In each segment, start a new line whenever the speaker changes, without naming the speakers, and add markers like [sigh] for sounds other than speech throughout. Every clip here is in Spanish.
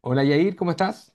Hola Yair, ¿cómo estás?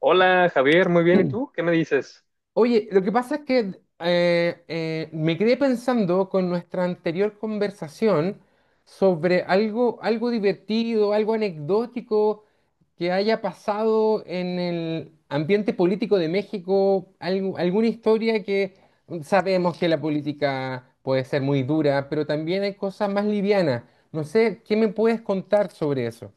Hola Javier, muy bien. ¿Y tú? ¿Qué me dices?
Oye, lo que pasa es que me quedé pensando con nuestra anterior conversación sobre algo divertido, algo anecdótico que haya pasado en el ambiente político de México, alguna historia que sabemos que la política puede ser muy dura, pero también hay cosas más livianas. No sé, ¿qué me puedes contar sobre eso?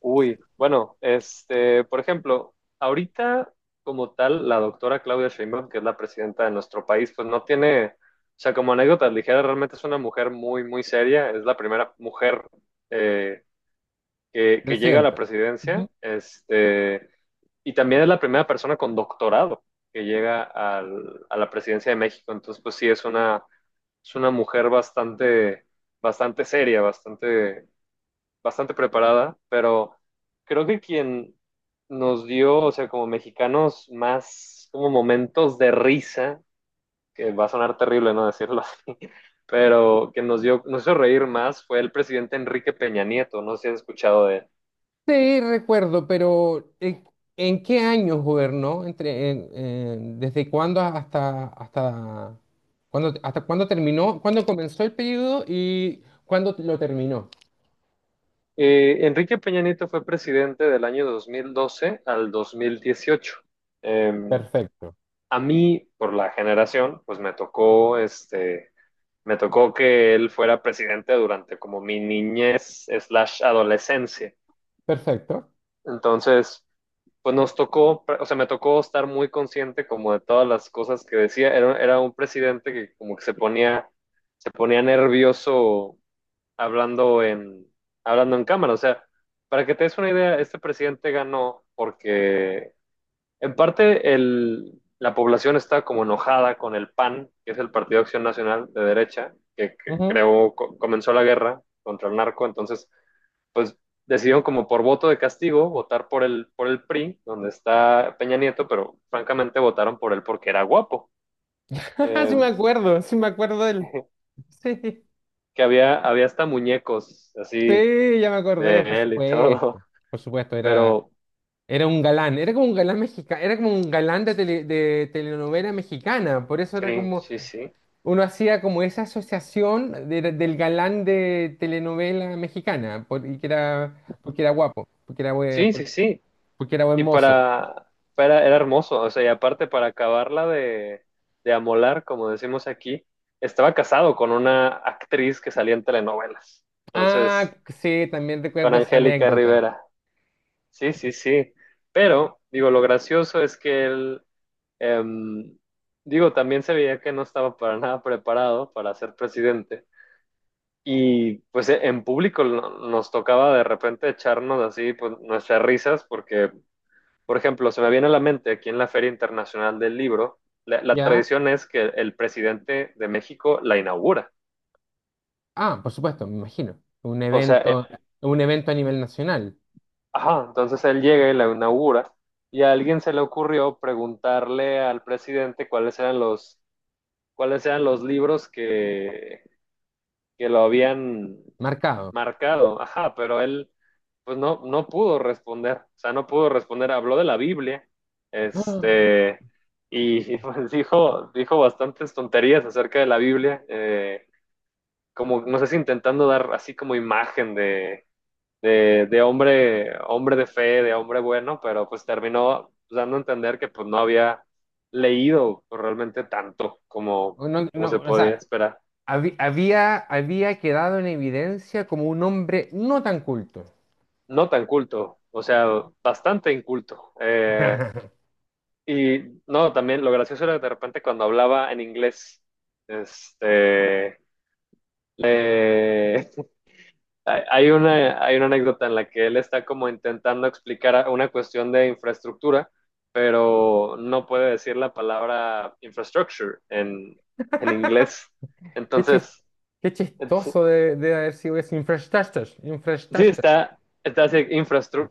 Uy, bueno, este, por ejemplo, ahorita como tal, la doctora Claudia Sheinbaum, que es la presidenta de nuestro país, pues no tiene, o sea, como anécdotas ligeras, realmente es una mujer muy, muy seria. Es la primera mujer eh, que llega a la
Reciente.
presidencia, este, y también es la primera persona con doctorado que llega a la presidencia de México. Entonces, pues sí, es una mujer bastante bastante seria, bastante bastante preparada, pero creo que quien nos dio, o sea, como mexicanos, más como momentos de risa, que va a sonar terrible no decirlo así, [laughs] pero que nos dio, nos hizo reír más fue el presidente Enrique Peña Nieto, no sé si has escuchado de él.
Sí, recuerdo, pero ¿en qué año gobernó? ¿Desde cuándo hasta, hasta cuándo terminó? ¿Cuándo comenzó el periodo y cuándo lo terminó?
Enrique Peña Nieto fue presidente del año 2012 al 2018. Eh,
Perfecto,
a mí, por la generación, pues me tocó este. Me tocó que él fuera presidente durante como mi niñez slash adolescencia.
perfecto.
Entonces, pues nos tocó, o sea, me tocó estar muy consciente como de todas las cosas que decía. Era un presidente que como que se ponía nervioso hablando en, hablando en cámara. O sea, para que te des una idea, este presidente ganó porque en parte, la población está como enojada con el PAN, que es el Partido de Acción Nacional de derecha, que
Ujú.
creó, comenzó la guerra contra el narco, entonces, pues decidieron como por voto de castigo votar por el PRI, donde está Peña Nieto, pero francamente votaron por él porque era guapo.
[laughs]
Eh,
Sí me acuerdo del...
[laughs]
Sí,
había hasta muñecos así
sí, ya me acordé, por
de él y todo,
supuesto. Por supuesto,
[laughs] pero
era un galán, era como un galán mexicano, era como un galán de, de telenovela mexicana, por eso era
sí,
como...
sí, sí,
Uno hacía como esa asociación del galán de telenovela mexicana, y que era, porque era guapo, porque era buen,
sí,
por-
sí, sí.
porque era buen
Y
mozo.
para, era hermoso, o sea, y aparte para acabarla de amolar, como decimos aquí, estaba casado con una actriz que salía en telenovelas.
Ah,
Entonces,
sí, también
con
recuerdo esa
Angélica
anécdota.
Rivera. Sí, sí, sí. Pero, digo, lo gracioso es que él, em, digo, también se veía que no estaba para nada preparado para ser presidente. Y pues en público nos tocaba de repente echarnos así pues, nuestras risas porque por ejemplo, se me viene a la mente aquí en la Feria Internacional del Libro, la
¿Ya?
tradición es que el presidente de México la inaugura.
Ah, por supuesto, me imagino.
O sea,
Un evento a nivel nacional,
ajá, entonces él llega y la inaugura y a alguien se le ocurrió preguntarle al presidente cuáles eran los libros que lo habían
marcado.
marcado, ajá, pero él pues no, no pudo responder, o sea, no pudo responder, habló de la Biblia,
[gasps]
este, y, pues dijo, dijo bastantes tonterías acerca de la Biblia, como, no sé si intentando dar así como imagen de hombre, hombre de fe, de hombre bueno, pero pues terminó dando a entender que pues no había leído pues, realmente tanto como,
Ah, no,
como
no,
se
o
podía
sea,
esperar.
había, había quedado en evidencia como un hombre no tan culto.
No tan culto, o sea, bastante inculto.
[laughs]
Y no, también lo gracioso era de repente cuando hablaba en inglés, este, le- [laughs] hay una anécdota en la que él está como intentando explicar una cuestión de infraestructura, pero no puede decir la palabra infrastructure en inglés.
Qué chis-
Entonces,
Qué
ent-
chistoso de haber sido ese infrastructure.
sí, está, está así, infrastructure,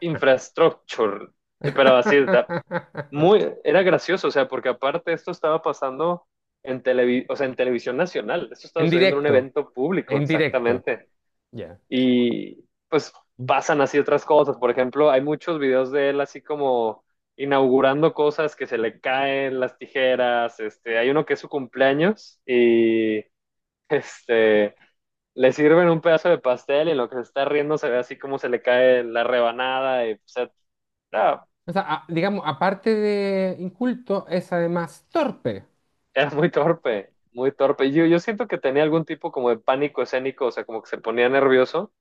infrastructure, pero así está.
[laughs]
Muy, era gracioso, o sea, porque aparte esto estaba pasando o sea, en televisión nacional, esto estaba
En
sucediendo en un
directo,
evento público,
en directo.
exactamente.
Ya.
Y pues
O
pasan así otras cosas, por ejemplo, hay muchos videos de él así como inaugurando cosas que se le caen las tijeras, este, hay uno que es su cumpleaños y este le sirven un pedazo de pastel y en lo que se está riendo se ve así como se le cae la rebanada y o sea, no.
sea, digamos, aparte de inculto, es además torpe.
Era muy torpe, muy torpe. Yo siento que tenía algún tipo como de pánico escénico, o sea, como que se ponía nervioso,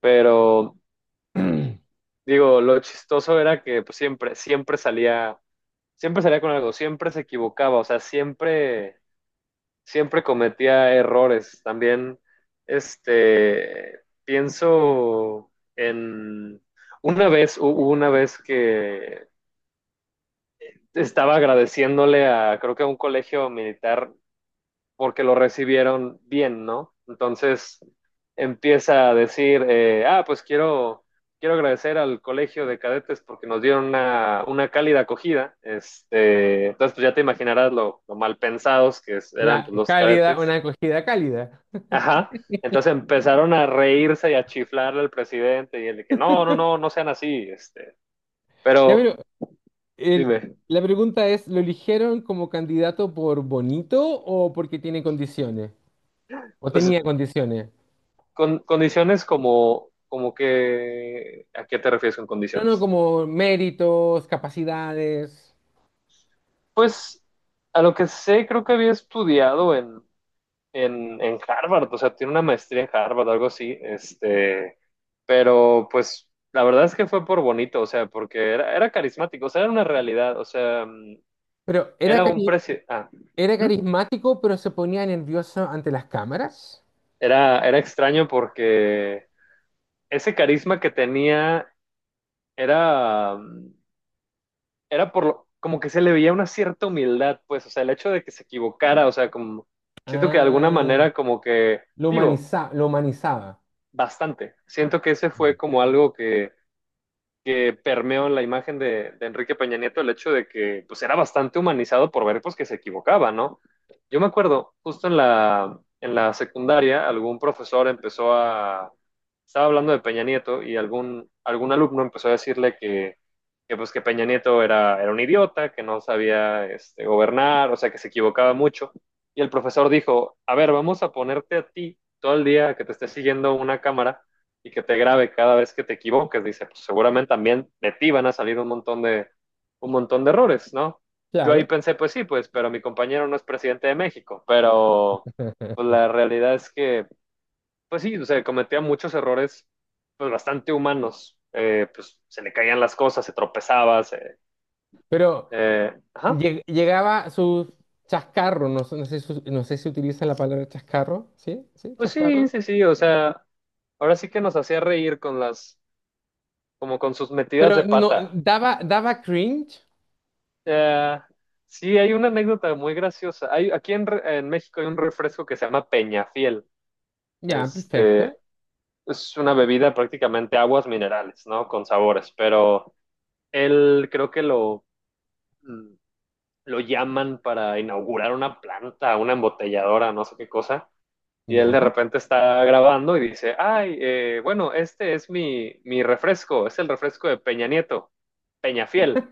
pero digo, lo chistoso era que pues, siempre, siempre salía con algo, siempre se equivocaba, o sea, siempre, siempre cometía errores. También, este, pienso en una vez, hubo una vez que estaba agradeciéndole a, creo que a un colegio militar, porque lo recibieron bien, ¿no? Entonces empieza a decir, pues quiero, quiero agradecer al colegio de cadetes porque nos dieron una cálida acogida. Este, entonces, pues ya te imaginarás lo mal pensados eran
La
pues, los
cálida,
cadetes.
una acogida cálida. [laughs]
Ajá. Entonces empezaron a reírse y a chiflarle al presidente y el de que no, no, no, no sean así. Este,
Ya,
pero
pero el-
dime,
la pregunta es, ¿lo eligieron como candidato por bonito o porque tiene condiciones? ¿O
pues
tenía condiciones?
con condiciones como, como que, ¿a qué te refieres con
No, no,
condiciones?
como méritos, capacidades.
Pues a lo que sé, creo que había estudiado en Harvard, o sea, tiene una maestría en Harvard, algo así, este, pero pues la verdad es que fue por bonito, o sea, porque era, era carismático, o sea, era una realidad, o sea,
Pero era
era un
cari-
precio,
Era
ujú.
carismático, pero se ponía nervioso ante las cámaras.
Era, era extraño porque ese carisma que tenía era, era por lo, como que se le veía una cierta humildad, pues, o sea, el hecho de que se equivocara, o sea, como, siento que de alguna
Ah.
manera como que...
Lo
Digo,
humaniza, lo humanizaba.
bastante. Siento que ese
Ujú.
fue como algo que permeó en la imagen de Enrique Peña Nieto, el hecho de que pues era bastante humanizado por ver pues que se equivocaba, ¿no? Yo me acuerdo, justo en la secundaria, algún profesor empezó a, estaba hablando de Peña Nieto y algún alumno empezó a decirle pues que Peña Nieto era un idiota, que no sabía este, gobernar, o sea, que se equivocaba mucho. Y el profesor dijo, a ver, vamos a ponerte a ti todo el día que te esté siguiendo una cámara y que te grabe cada vez que te equivoques, dice, pues seguramente también de ti van a salir un montón de errores, ¿no? Yo
Claro.
ahí pensé, pues sí, pues, pero mi compañero no es presidente de México, pero pues
[laughs]
la realidad es que, pues sí, o sea, cometía muchos errores, pues bastante humanos, pues se le caían las cosas,
Pero
ajá,
llegaba su chascarro, no sé no sé si utiliza la palabra chascarro, ¿sí? ¿Sí?
pues sí,
¿Chascarro?
sí, sí, o sea, ahora sí que nos hacía reír con como con sus metidas de
Pero no,
pata.
daba, daba cringe.
Eh, sí, hay una anécdota muy graciosa. Hay, en México hay un refresco que se llama Peñafiel.
Ya,
Este,
perfecto.
es una bebida prácticamente aguas minerales, ¿no? Con sabores, pero él creo que lo, mm, lo llaman para inaugurar una planta, una embotelladora, no sé qué cosa. Y él de
Ya.
repente está grabando y dice, ay, bueno, este es mi refresco, es el refresco de Peña Nieto, Peñafiel.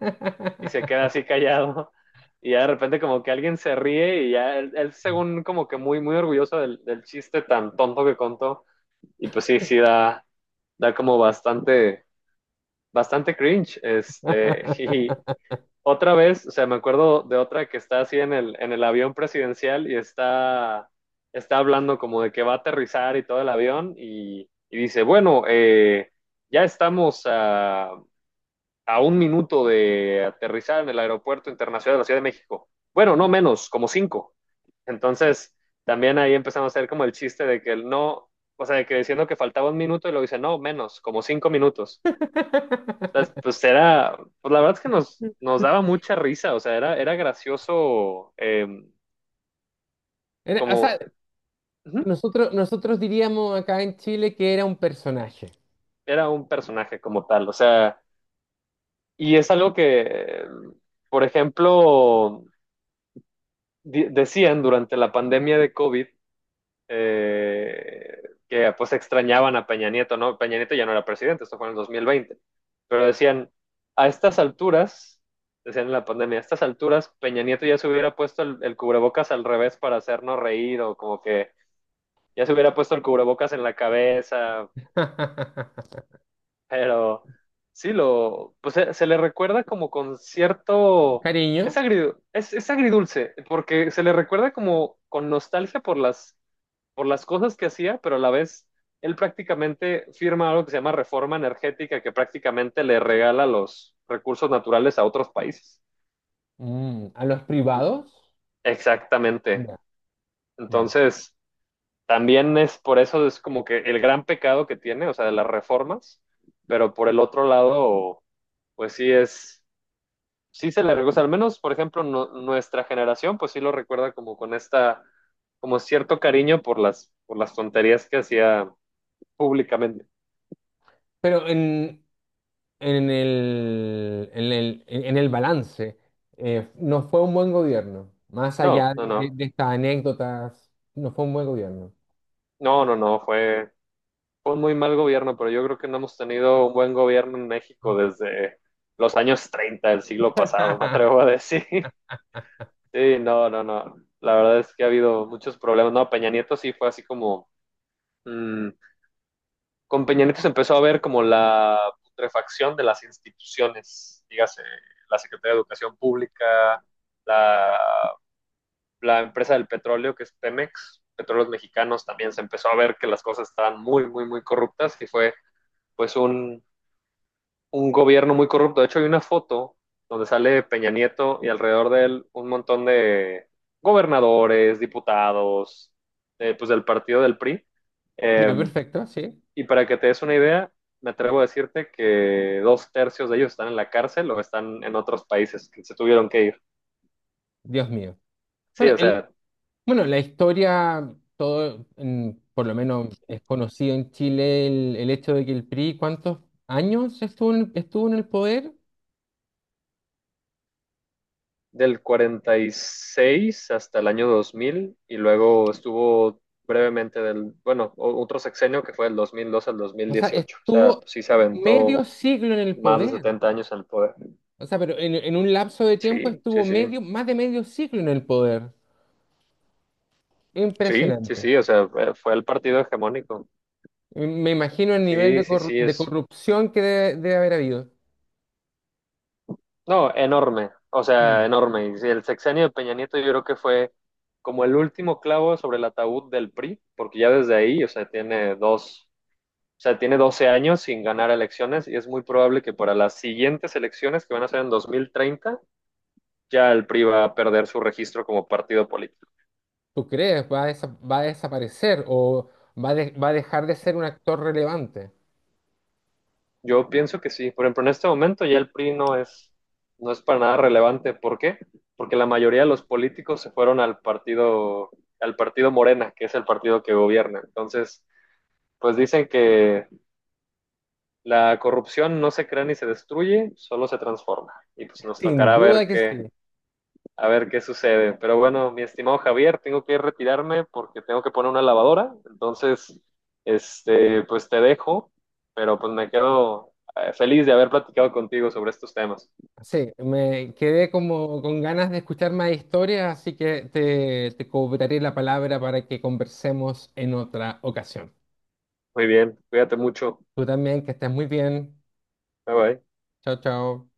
Y se queda así callado. [laughs] Y ya de repente como que alguien se ríe y ya él según como que muy, muy orgulloso del chiste tan tonto que contó. Y pues sí, da como bastante, bastante cringe. Este, [laughs] y
[laughs]
otra vez, o sea, me acuerdo de otra que está así en el avión presidencial y está, está hablando como de que va a aterrizar y todo el avión y dice, bueno, ya estamos a un minuto de aterrizar en el Aeropuerto Internacional de la Ciudad de México. Bueno, no menos, como cinco. Entonces, también ahí empezamos a hacer como el chiste de que el no, o sea, de que diciendo que faltaba un minuto y luego dice, no, menos, como cinco minutos. Entonces, pues era, pues la verdad es que nos, nos daba mucha risa, o sea, era, era gracioso
O sea,
como, ujú,
nosotros diríamos acá en Chile que era un personaje.
era un personaje como tal, o sea, y es algo que, por ejemplo, decían durante la pandemia de COVID, eh, que pues extrañaban a Peña Nieto, ¿no? Peña Nieto ya no era presidente, esto fue en el 2020, pero decían, a estas alturas, decían en la pandemia, a estas alturas Peña Nieto ya se hubiera puesto el cubrebocas al revés para hacernos reír o como que ya se hubiera puesto el cubrebocas en la cabeza,
[laughs]
pero sí, lo, pues se le recuerda como con cierto... Es,
Cariño,
agridu es agridulce, porque se le recuerda como con nostalgia por las cosas que hacía, pero a la vez él prácticamente firma algo que se llama reforma energética, que prácticamente le regala los recursos naturales a otros países.
mm, a los privados.
Exactamente.
Ya. Mm.
Entonces, también es por eso es como que el gran pecado que tiene, o sea, de las reformas, pero por el otro lado, pues sí es, sí se le recuerda, al menos, por ejemplo, nuestra generación, pues sí lo recuerda como con esta, como cierto cariño por por las tonterías que hacía públicamente.
Pero en, en el balance, no fue un buen gobierno. Más
No,
allá
no,
de,
no,
de estas anécdotas, no fue un buen gobierno.
no, no, no, fue un muy mal gobierno, pero yo creo que no hemos tenido un buen gobierno en México desde los años 30 del siglo pasado, [laughs] me atrevo
[laughs]
a decir. [laughs] Sí, no, no, no. La verdad es que ha habido muchos problemas. No, Peña Nieto sí fue así como... mm, con Peña Nieto se empezó a ver como la putrefacción de las instituciones, dígase, la Secretaría de Educación Pública, la, la empresa del petróleo, que es Pemex, Petróleos Mexicanos, también se empezó a ver que las cosas estaban muy, muy, muy corruptas y fue pues un, un gobierno muy corrupto. De hecho, hay una foto donde sale Peña Nieto y alrededor de él un montón de gobernadores, diputados, pues del partido del PRI.
Ya,
Eh,
perfecto, sí.
y para que te des una idea, me atrevo a decirte que dos tercios de ellos están en la cárcel o están en otros países que se tuvieron que ir.
Dios mío.
Sí,
Bueno,
o
el,
sea,
Bueno, la historia, todo, en- por lo menos es conocido en Chile el hecho de que el PRI, ¿cuántos años estuvo en, estuvo en el poder?
del 46 hasta el año 2000 y luego estuvo brevemente del, bueno, otro sexenio que fue del 2002 al
O sea,
2018. O sea,
estuvo
pues sí se
medio
aventó
siglo en el
más de
poder.
70 años en el poder.
O sea, pero en un lapso de tiempo
Sí,
estuvo
sí, sí,
medio, más de medio siglo en el poder.
sí, sí,
Impresionante.
sí, o sea, fue el partido hegemónico.
Me imagino el nivel
Sí,
de,
sí, sí,
de
es,
corrupción que debe, debe haber habido.
no, enorme, o sea,
Mm.
enorme. Y sí, el sexenio de Peña Nieto yo creo que fue como el último clavo sobre el ataúd del PRI, porque ya desde ahí, o sea, tiene 12 años sin ganar elecciones y es muy probable que para las siguientes elecciones que van a ser en 2030 ya el PRI va a perder su registro como partido político.
¿Tú crees? ¿Va a, va a desaparecer o va, va a dejar de ser un actor relevante?
Yo pienso que sí. Por ejemplo, en este momento ya el PRI no es para nada relevante. ¿Por qué? Porque la mayoría de los políticos se fueron al partido Morena, que es el partido que gobierna. Entonces, pues dicen que la corrupción no se crea ni se destruye, solo se transforma. Y pues nos
Sin
tocará
duda
ver
que sí.
a ver qué sucede. Pero bueno, mi estimado Javier, tengo que retirarme porque tengo que poner una lavadora. Entonces, este, pues te dejo, pero pues me quedo feliz de haber platicado contigo sobre estos temas.
Sí, me quedé como con ganas de escuchar más historias, así que te cobraré la palabra para que conversemos en otra ocasión.
Muy bien, cuídate mucho.
Tú también, que estés muy bien.
Bye bye.
Chao, chao.